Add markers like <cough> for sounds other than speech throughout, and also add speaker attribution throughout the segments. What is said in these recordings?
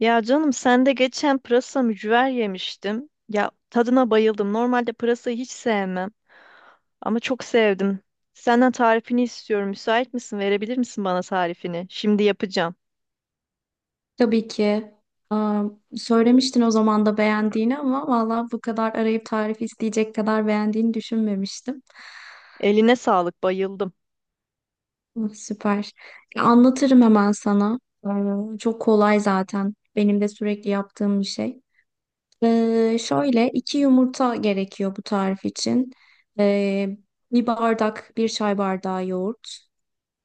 Speaker 1: Ya canım sen de geçen pırasa mücver yemiştim. Ya tadına bayıldım. Normalde pırasayı hiç sevmem ama çok sevdim. Senden tarifini istiyorum. Müsait misin? Verebilir misin bana tarifini? Şimdi yapacağım.
Speaker 2: Tabii ki. Aa, Söylemiştin o zaman da beğendiğini ama valla bu kadar arayıp tarif isteyecek kadar beğendiğini düşünmemiştim.
Speaker 1: Eline sağlık, bayıldım.
Speaker 2: Hı, süper. Ya, anlatırım hemen sana. Çok kolay zaten. Benim de sürekli yaptığım bir şey. Şöyle iki yumurta gerekiyor bu tarif için. Ee, Bir bardak, bir çay bardağı yoğurt.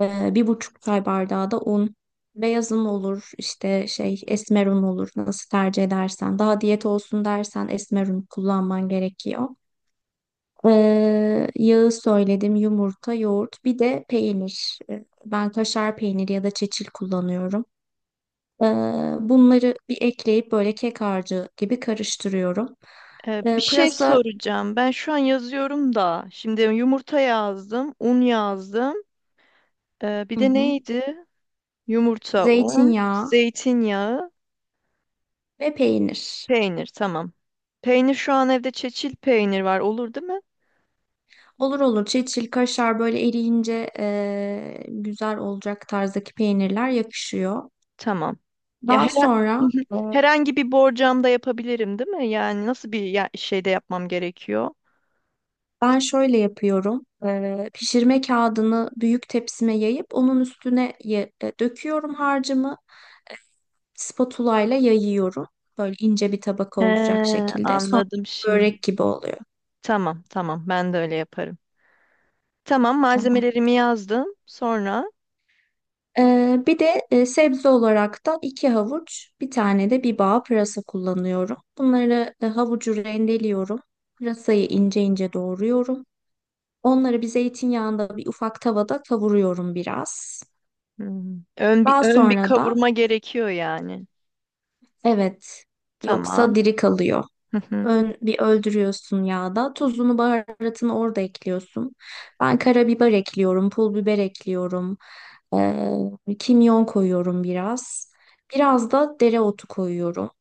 Speaker 2: Bir buçuk çay bardağı da un. Beyaz un olur, işte şey esmer un olur. Nasıl tercih edersen. Daha diyet olsun dersen esmer un kullanman gerekiyor. Yağı söyledim, yumurta, yoğurt, bir de peynir. Ben kaşar peyniri ya da çeçil kullanıyorum. Ee, Bunları bir ekleyip böyle kek harcı gibi karıştırıyorum.
Speaker 1: Bir şey
Speaker 2: Pırasa,
Speaker 1: soracağım. Ben şu an yazıyorum da. Şimdi yumurta yazdım, un yazdım. Bir
Speaker 2: hı
Speaker 1: de
Speaker 2: hı,
Speaker 1: neydi? Yumurta, un,
Speaker 2: zeytinyağı
Speaker 1: zeytinyağı,
Speaker 2: ve peynir.
Speaker 1: peynir. Tamam. Peynir şu an evde çeçil peynir var. Olur değil mi?
Speaker 2: Olur olur. Çil çil kaşar böyle eriyince güzel olacak tarzdaki peynirler yakışıyor.
Speaker 1: Tamam. Ya
Speaker 2: Daha
Speaker 1: her
Speaker 2: sonra
Speaker 1: <laughs> herhangi bir borcamda yapabilirim, değil mi? Yani nasıl bir şeyde yapmam gerekiyor?
Speaker 2: ben şöyle yapıyorum. Pişirme kağıdını büyük tepsime yayıp onun üstüne döküyorum harcımı. Spatula ile yayıyorum. Böyle ince bir tabaka
Speaker 1: He,
Speaker 2: olacak şekilde. Sonra
Speaker 1: anladım şimdi.
Speaker 2: börek gibi oluyor.
Speaker 1: Tamam, tamam. Ben de öyle yaparım. Tamam,
Speaker 2: Tamam.
Speaker 1: malzemelerimi yazdım. Sonra
Speaker 2: Bir de sebze olarak da iki havuç, bir tane de bir bağ pırasa kullanıyorum. Bunları havucu rendeliyorum. Pırasayı ince ince doğruyorum. Onları bir zeytinyağında bir ufak tavada kavuruyorum biraz.
Speaker 1: hmm, ön bir
Speaker 2: Daha
Speaker 1: ön bir
Speaker 2: sonra da
Speaker 1: kavurma gerekiyor yani.
Speaker 2: evet yoksa
Speaker 1: Tamam.
Speaker 2: diri kalıyor.
Speaker 1: Hı hı.
Speaker 2: Ön, bir öldürüyorsun yağda. Tuzunu, baharatını orada ekliyorsun. Ben karabiber ekliyorum, pul biber ekliyorum. Kimyon koyuyorum biraz. Biraz da dereotu koyuyorum.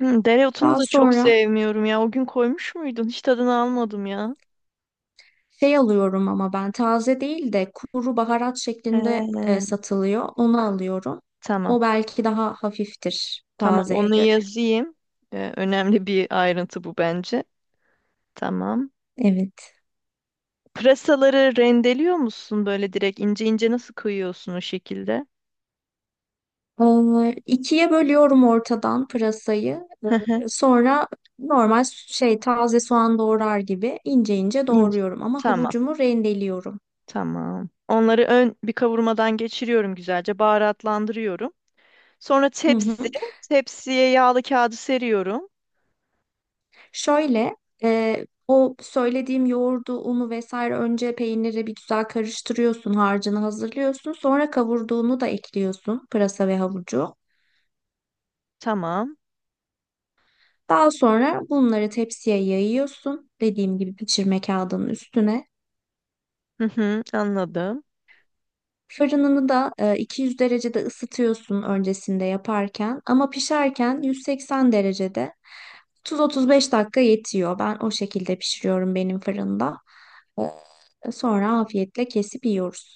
Speaker 1: Hmm, dereotunu
Speaker 2: Daha
Speaker 1: da çok
Speaker 2: sonra
Speaker 1: sevmiyorum ya. O gün koymuş muydun? Hiç tadını almadım ya.
Speaker 2: şey alıyorum ama ben taze değil de kuru baharat şeklinde
Speaker 1: He,
Speaker 2: satılıyor. Onu alıyorum.
Speaker 1: tamam.
Speaker 2: O belki daha hafiftir
Speaker 1: Tamam,
Speaker 2: tazeye
Speaker 1: onu
Speaker 2: göre.
Speaker 1: yazayım. Önemli bir ayrıntı bu bence. Tamam.
Speaker 2: Evet.
Speaker 1: Pırasaları rendeliyor musun böyle direkt ince ince nasıl koyuyorsun o şekilde?
Speaker 2: İkiye bölüyorum ortadan pırasayı.
Speaker 1: Hı hı,
Speaker 2: Sonra normal şey taze soğan doğrar gibi ince ince
Speaker 1: ince.
Speaker 2: doğruyorum ama
Speaker 1: Tamam,
Speaker 2: havucumu rendeliyorum.
Speaker 1: tamam. Onları ön bir kavurmadan geçiriyorum güzelce, baharatlandırıyorum. Sonra
Speaker 2: Hı hı.
Speaker 1: tepsiye yağlı kağıdı seriyorum.
Speaker 2: Şöyle e, o söylediğim yoğurdu, unu vesaire önce peyniri bir güzel karıştırıyorsun, harcını hazırlıyorsun. Sonra kavurduğunu da ekliyorsun pırasa ve havucu.
Speaker 1: Tamam.
Speaker 2: Daha sonra bunları tepsiye yayıyorsun. Dediğim gibi pişirme kağıdının üstüne.
Speaker 1: Hı hı, anladım.
Speaker 2: Fırınını da 200 derecede ısıtıyorsun öncesinde yaparken ama pişerken 180 derecede 30-35 dakika yetiyor. Ben o şekilde pişiriyorum benim fırında. Sonra afiyetle kesip yiyoruz.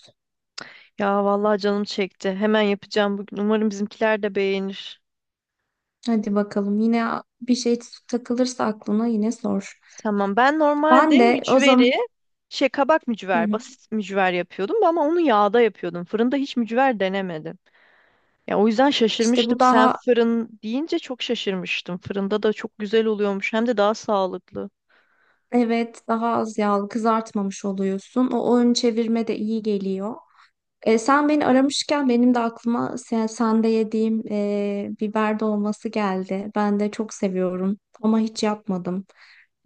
Speaker 1: Ya vallahi canım çekti. Hemen yapacağım bugün. Umarım bizimkiler de beğenir.
Speaker 2: Hadi bakalım yine bir şey takılırsa aklına yine sor.
Speaker 1: Tamam. Ben normalde
Speaker 2: Ben de o
Speaker 1: mücveri
Speaker 2: zaman
Speaker 1: şey kabak
Speaker 2: hı
Speaker 1: mücver,
Speaker 2: hı.
Speaker 1: basit mücver yapıyordum ama onu yağda yapıyordum. Fırında hiç mücver denemedim. Ya o yüzden
Speaker 2: işte
Speaker 1: şaşırmıştım.
Speaker 2: bu
Speaker 1: Sen
Speaker 2: daha
Speaker 1: fırın deyince çok şaşırmıştım. Fırında da çok güzel oluyormuş. Hem de daha sağlıklı.
Speaker 2: evet daha az yağlı kızartmamış oluyorsun. O ön çevirme de iyi geliyor. E, sen beni aramışken benim de aklıma sen, sende yediğim biber dolması geldi. Ben de çok seviyorum ama hiç yapmadım.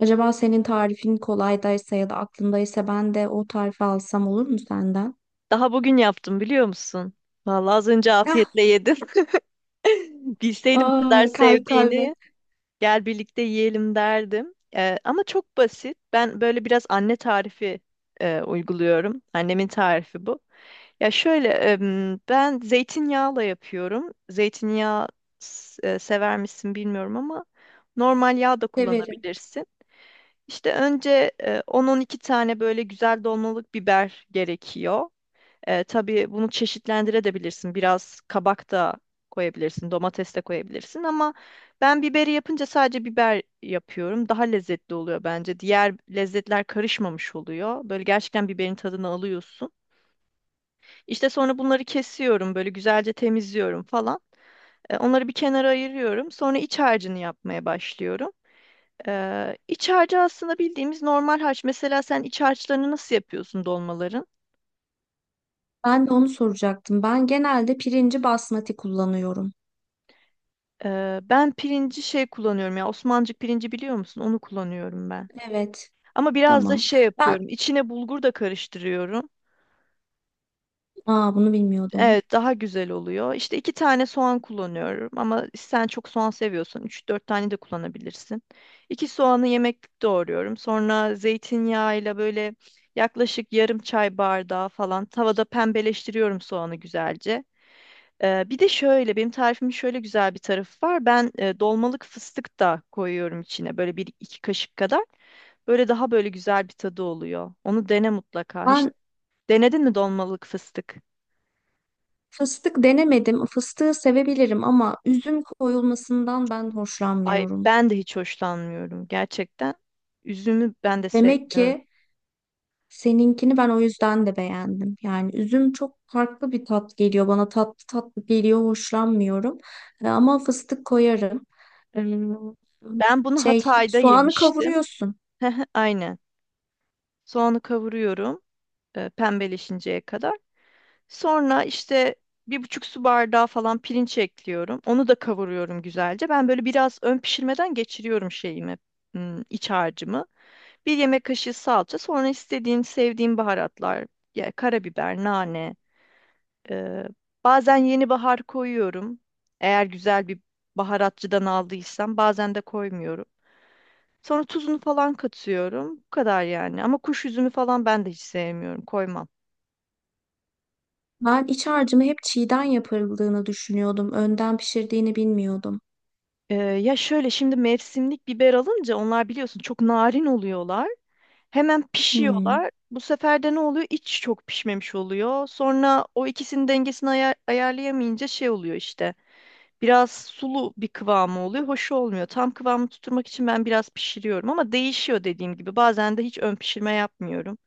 Speaker 2: Acaba senin tarifin kolaydaysa ya da aklındaysa ben de o tarifi alsam olur mu senden?
Speaker 1: Daha bugün yaptım biliyor musun? Vallahi az önce
Speaker 2: Ah,
Speaker 1: afiyetle yedim. <laughs> Bilseydim bu kadar
Speaker 2: aa, kalp kalbe
Speaker 1: sevdiğini gel birlikte yiyelim derdim. Ama çok basit. Ben böyle biraz anne tarifi uyguluyorum. Annemin tarifi bu. Ya şöyle ben zeytinyağla yapıyorum. Zeytinyağı sever misin bilmiyorum ama normal yağ da
Speaker 2: severim.
Speaker 1: kullanabilirsin. İşte önce 10-12 tane böyle güzel dolmalık biber gerekiyor. E, tabii bunu çeşitlendirebilirsin. Biraz kabak da koyabilirsin, domates de koyabilirsin ama ben biberi yapınca sadece biber yapıyorum. Daha lezzetli oluyor bence. Diğer lezzetler karışmamış oluyor. Böyle gerçekten biberin tadını alıyorsun. İşte sonra bunları kesiyorum, böyle güzelce temizliyorum falan. E, onları bir kenara ayırıyorum. Sonra iç harcını yapmaya başlıyorum. İç harcı aslında bildiğimiz normal harç. Mesela sen iç harçlarını nasıl yapıyorsun dolmaların?
Speaker 2: Ben de onu soracaktım. Ben genelde pirinci basmati kullanıyorum.
Speaker 1: Ben pirinci şey kullanıyorum ya Osmancık pirinci biliyor musun? Onu kullanıyorum ben.
Speaker 2: Evet,
Speaker 1: Ama biraz da
Speaker 2: tamam.
Speaker 1: şey
Speaker 2: Ben
Speaker 1: yapıyorum. İçine bulgur da karıştırıyorum.
Speaker 2: aa, bunu bilmiyordum.
Speaker 1: Evet daha güzel oluyor. İşte iki tane soğan kullanıyorum ama sen çok soğan seviyorsan üç dört tane de kullanabilirsin. İki soğanı yemeklik doğruyorum. Sonra zeytinyağıyla böyle yaklaşık yarım çay bardağı falan tavada pembeleştiriyorum soğanı güzelce. Bir de şöyle benim tarifimin şöyle güzel bir tarafı var. Ben dolmalık fıstık da koyuyorum içine böyle bir iki kaşık kadar. Böyle daha böyle güzel bir tadı oluyor. Onu dene mutlaka. Hiç
Speaker 2: Ben
Speaker 1: denedin mi dolmalık fıstık?
Speaker 2: fıstık denemedim. Fıstığı sevebilirim ama üzüm koyulmasından ben
Speaker 1: Ay
Speaker 2: hoşlanmıyorum.
Speaker 1: ben de hiç hoşlanmıyorum gerçekten. Üzümü ben de
Speaker 2: Demek
Speaker 1: sevmiyorum.
Speaker 2: ki seninkini ben o yüzden de beğendim. Yani üzüm çok farklı bir tat geliyor bana. Tatlı tatlı geliyor, hoşlanmıyorum. Ama fıstık koyarım. Ee,
Speaker 1: Ben bunu
Speaker 2: Şey,
Speaker 1: Hatay'da
Speaker 2: soğanı
Speaker 1: yemiştim.
Speaker 2: kavuruyorsun.
Speaker 1: <laughs> Aynen. Soğanı kavuruyorum pembeleşinceye kadar. Sonra işte bir buçuk su bardağı falan pirinç ekliyorum. Onu da kavuruyorum güzelce. Ben böyle biraz ön pişirmeden geçiriyorum şeyimi, hmm, iç harcımı. Bir yemek kaşığı salça. Sonra istediğin, sevdiğin baharatlar. Ya, karabiber, nane. e, Bazen yeni bahar koyuyorum. Eğer güzel bir baharatçıdan aldıysam. Bazen de koymuyorum. Sonra tuzunu falan katıyorum. Bu kadar yani. Ama kuş üzümü falan ben de hiç sevmiyorum. Koymam.
Speaker 2: Ben iç harcımı hep çiğden yapıldığını düşünüyordum. Önden pişirdiğini bilmiyordum.
Speaker 1: Ya şöyle şimdi mevsimlik biber alınca onlar biliyorsun çok narin oluyorlar. Hemen
Speaker 2: Hmm,
Speaker 1: pişiyorlar. Bu sefer de ne oluyor? İç çok pişmemiş oluyor. Sonra o ikisinin dengesini ayarlayamayınca şey oluyor işte. Biraz sulu bir kıvamı oluyor. Hoş olmuyor. Tam kıvamı tutturmak için ben biraz pişiriyorum ama değişiyor dediğim gibi. Bazen de hiç ön pişirme yapmıyorum.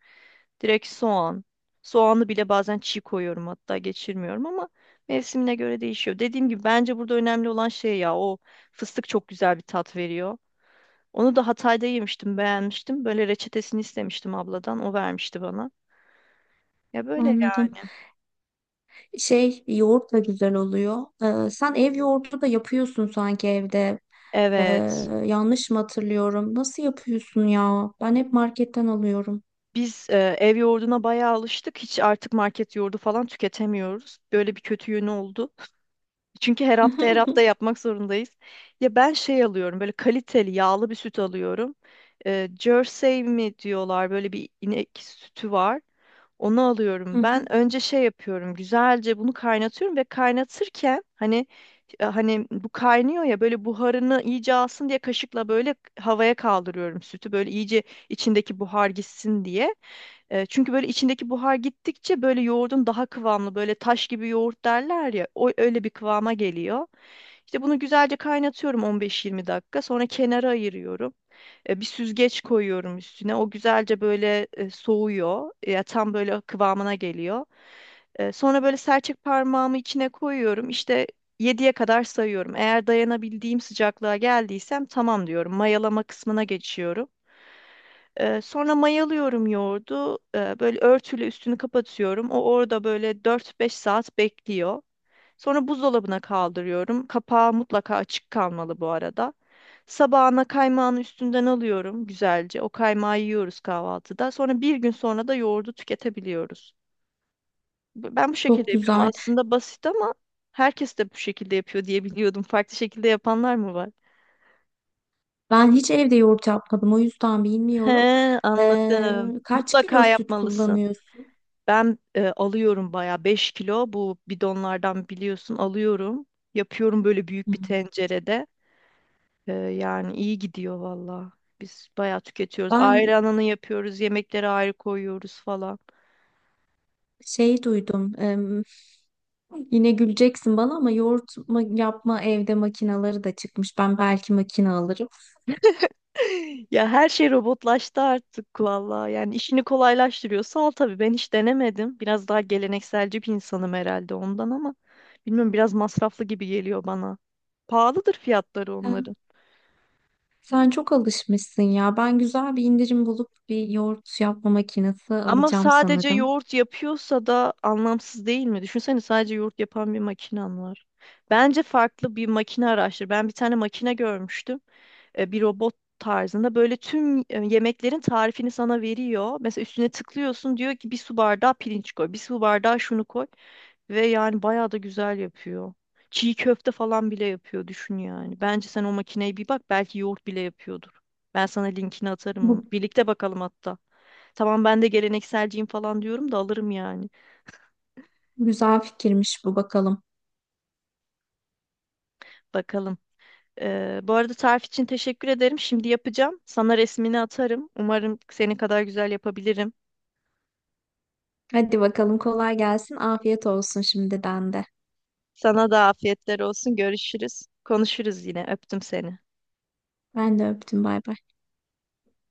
Speaker 1: Direkt soğan. Soğanı bile bazen çiğ koyuyorum hatta geçirmiyorum ama mevsimine göre değişiyor. Dediğim gibi bence burada önemli olan şey ya o fıstık çok güzel bir tat veriyor. Onu da Hatay'da yemiştim, beğenmiştim. Böyle reçetesini istemiştim abladan. O vermişti bana. Ya böyle ya.
Speaker 2: anladım. Şey yoğurt da güzel oluyor. Sen ev yoğurdu da yapıyorsun sanki evde. Ee,
Speaker 1: Evet.
Speaker 2: Yanlış mı hatırlıyorum? Nasıl yapıyorsun ya? Ben hep marketten alıyorum.
Speaker 1: Biz ev yoğurduna bayağı alıştık. Hiç artık market yoğurdu falan tüketemiyoruz. Böyle bir kötü yönü oldu. Çünkü her hafta her hafta
Speaker 2: <laughs>
Speaker 1: yapmak zorundayız. Ya ben şey alıyorum böyle kaliteli yağlı bir süt alıyorum. Jersey mi diyorlar böyle bir inek sütü var. Onu
Speaker 2: Hı
Speaker 1: alıyorum.
Speaker 2: hı,
Speaker 1: Ben önce şey yapıyorum. Güzelce bunu kaynatıyorum ve kaynatırken hani bu kaynıyor ya böyle buharını iyice alsın diye kaşıkla böyle havaya kaldırıyorum sütü. Böyle iyice içindeki buhar gitsin diye. E, çünkü böyle içindeki buhar gittikçe böyle yoğurdun daha kıvamlı böyle taş gibi yoğurt derler ya o öyle bir kıvama geliyor. İşte bunu güzelce kaynatıyorum 15-20 dakika sonra kenara ayırıyorum. Bir süzgeç koyuyorum üstüne o güzelce böyle soğuyor ya tam böyle kıvamına geliyor. E, sonra böyle serçek parmağımı içine koyuyorum işte yediye kadar sayıyorum. Eğer dayanabildiğim sıcaklığa geldiysem tamam diyorum mayalama kısmına geçiyorum. Sonra mayalıyorum yoğurdu. Böyle örtüyle üstünü kapatıyorum. O orada böyle 4 5 saat bekliyor. Sonra buzdolabına kaldırıyorum. Kapağı mutlaka açık kalmalı bu arada. Sabahına kaymağını üstünden alıyorum güzelce. O kaymağı yiyoruz kahvaltıda. Sonra bir gün sonra da yoğurdu tüketebiliyoruz. Ben bu şekilde
Speaker 2: çok
Speaker 1: yapıyorum.
Speaker 2: güzel.
Speaker 1: Aslında basit ama herkes de bu şekilde yapıyor diye biliyordum. Farklı şekilde yapanlar mı var?
Speaker 2: Ben hiç evde yoğurt yapmadım. O yüzden
Speaker 1: He,
Speaker 2: bilmiyorum. Ee,
Speaker 1: anladım.
Speaker 2: Kaç kilo
Speaker 1: Mutlaka
Speaker 2: süt
Speaker 1: yapmalısın.
Speaker 2: kullanıyorsun?
Speaker 1: Ben alıyorum bayağı 5 kilo bu bidonlardan biliyorsun alıyorum. Yapıyorum böyle büyük bir
Speaker 2: Hmm.
Speaker 1: tencerede. Yani iyi gidiyor valla. Biz bayağı tüketiyoruz.
Speaker 2: Ben
Speaker 1: Ayrı ananı yapıyoruz, yemekleri ayrı koyuyoruz falan.
Speaker 2: şey duydum. Yine güleceksin bana ama yoğurt ma- yapma evde makinaları da çıkmış. Ben belki makine alırım.
Speaker 1: <laughs> Ya her şey robotlaştı artık valla. Yani işini kolaylaştırıyor. Sağ ol tabii ben hiç denemedim. Biraz daha gelenekselci bir insanım herhalde ondan ama bilmiyorum biraz masraflı gibi geliyor bana. Pahalıdır fiyatları onların.
Speaker 2: Sen çok alışmışsın ya. Ben güzel bir indirim bulup bir yoğurt yapma makinesi
Speaker 1: Ama
Speaker 2: alacağım
Speaker 1: sadece
Speaker 2: sanırım.
Speaker 1: yoğurt yapıyorsa da anlamsız değil mi? Düşünsene sadece yoğurt yapan bir makinen var. Bence farklı bir makine araştır. Ben bir tane makine görmüştüm. E, bir robot tarzında böyle tüm yemeklerin tarifini sana veriyor. Mesela üstüne tıklıyorsun diyor ki bir su bardağı pirinç koy, bir su bardağı şunu koy ve yani bayağı da güzel yapıyor. Çiğ köfte falan bile yapıyor düşün yani. Bence sen o makineye bir bak belki yoğurt bile yapıyordur. Ben sana linkini atarım onu.
Speaker 2: Bu
Speaker 1: Birlikte bakalım hatta. Tamam ben de gelenekselciyim falan diyorum da alırım yani.
Speaker 2: güzel fikirmiş bu bakalım.
Speaker 1: Bakalım. Bu arada tarif için teşekkür ederim. Şimdi yapacağım. Sana resmini atarım. Umarım senin kadar güzel yapabilirim.
Speaker 2: Hadi bakalım kolay gelsin. Afiyet olsun şimdiden de.
Speaker 1: Sana da afiyetler olsun. Görüşürüz. Konuşuruz yine. Öptüm seni.
Speaker 2: Ben de öptüm bay bay.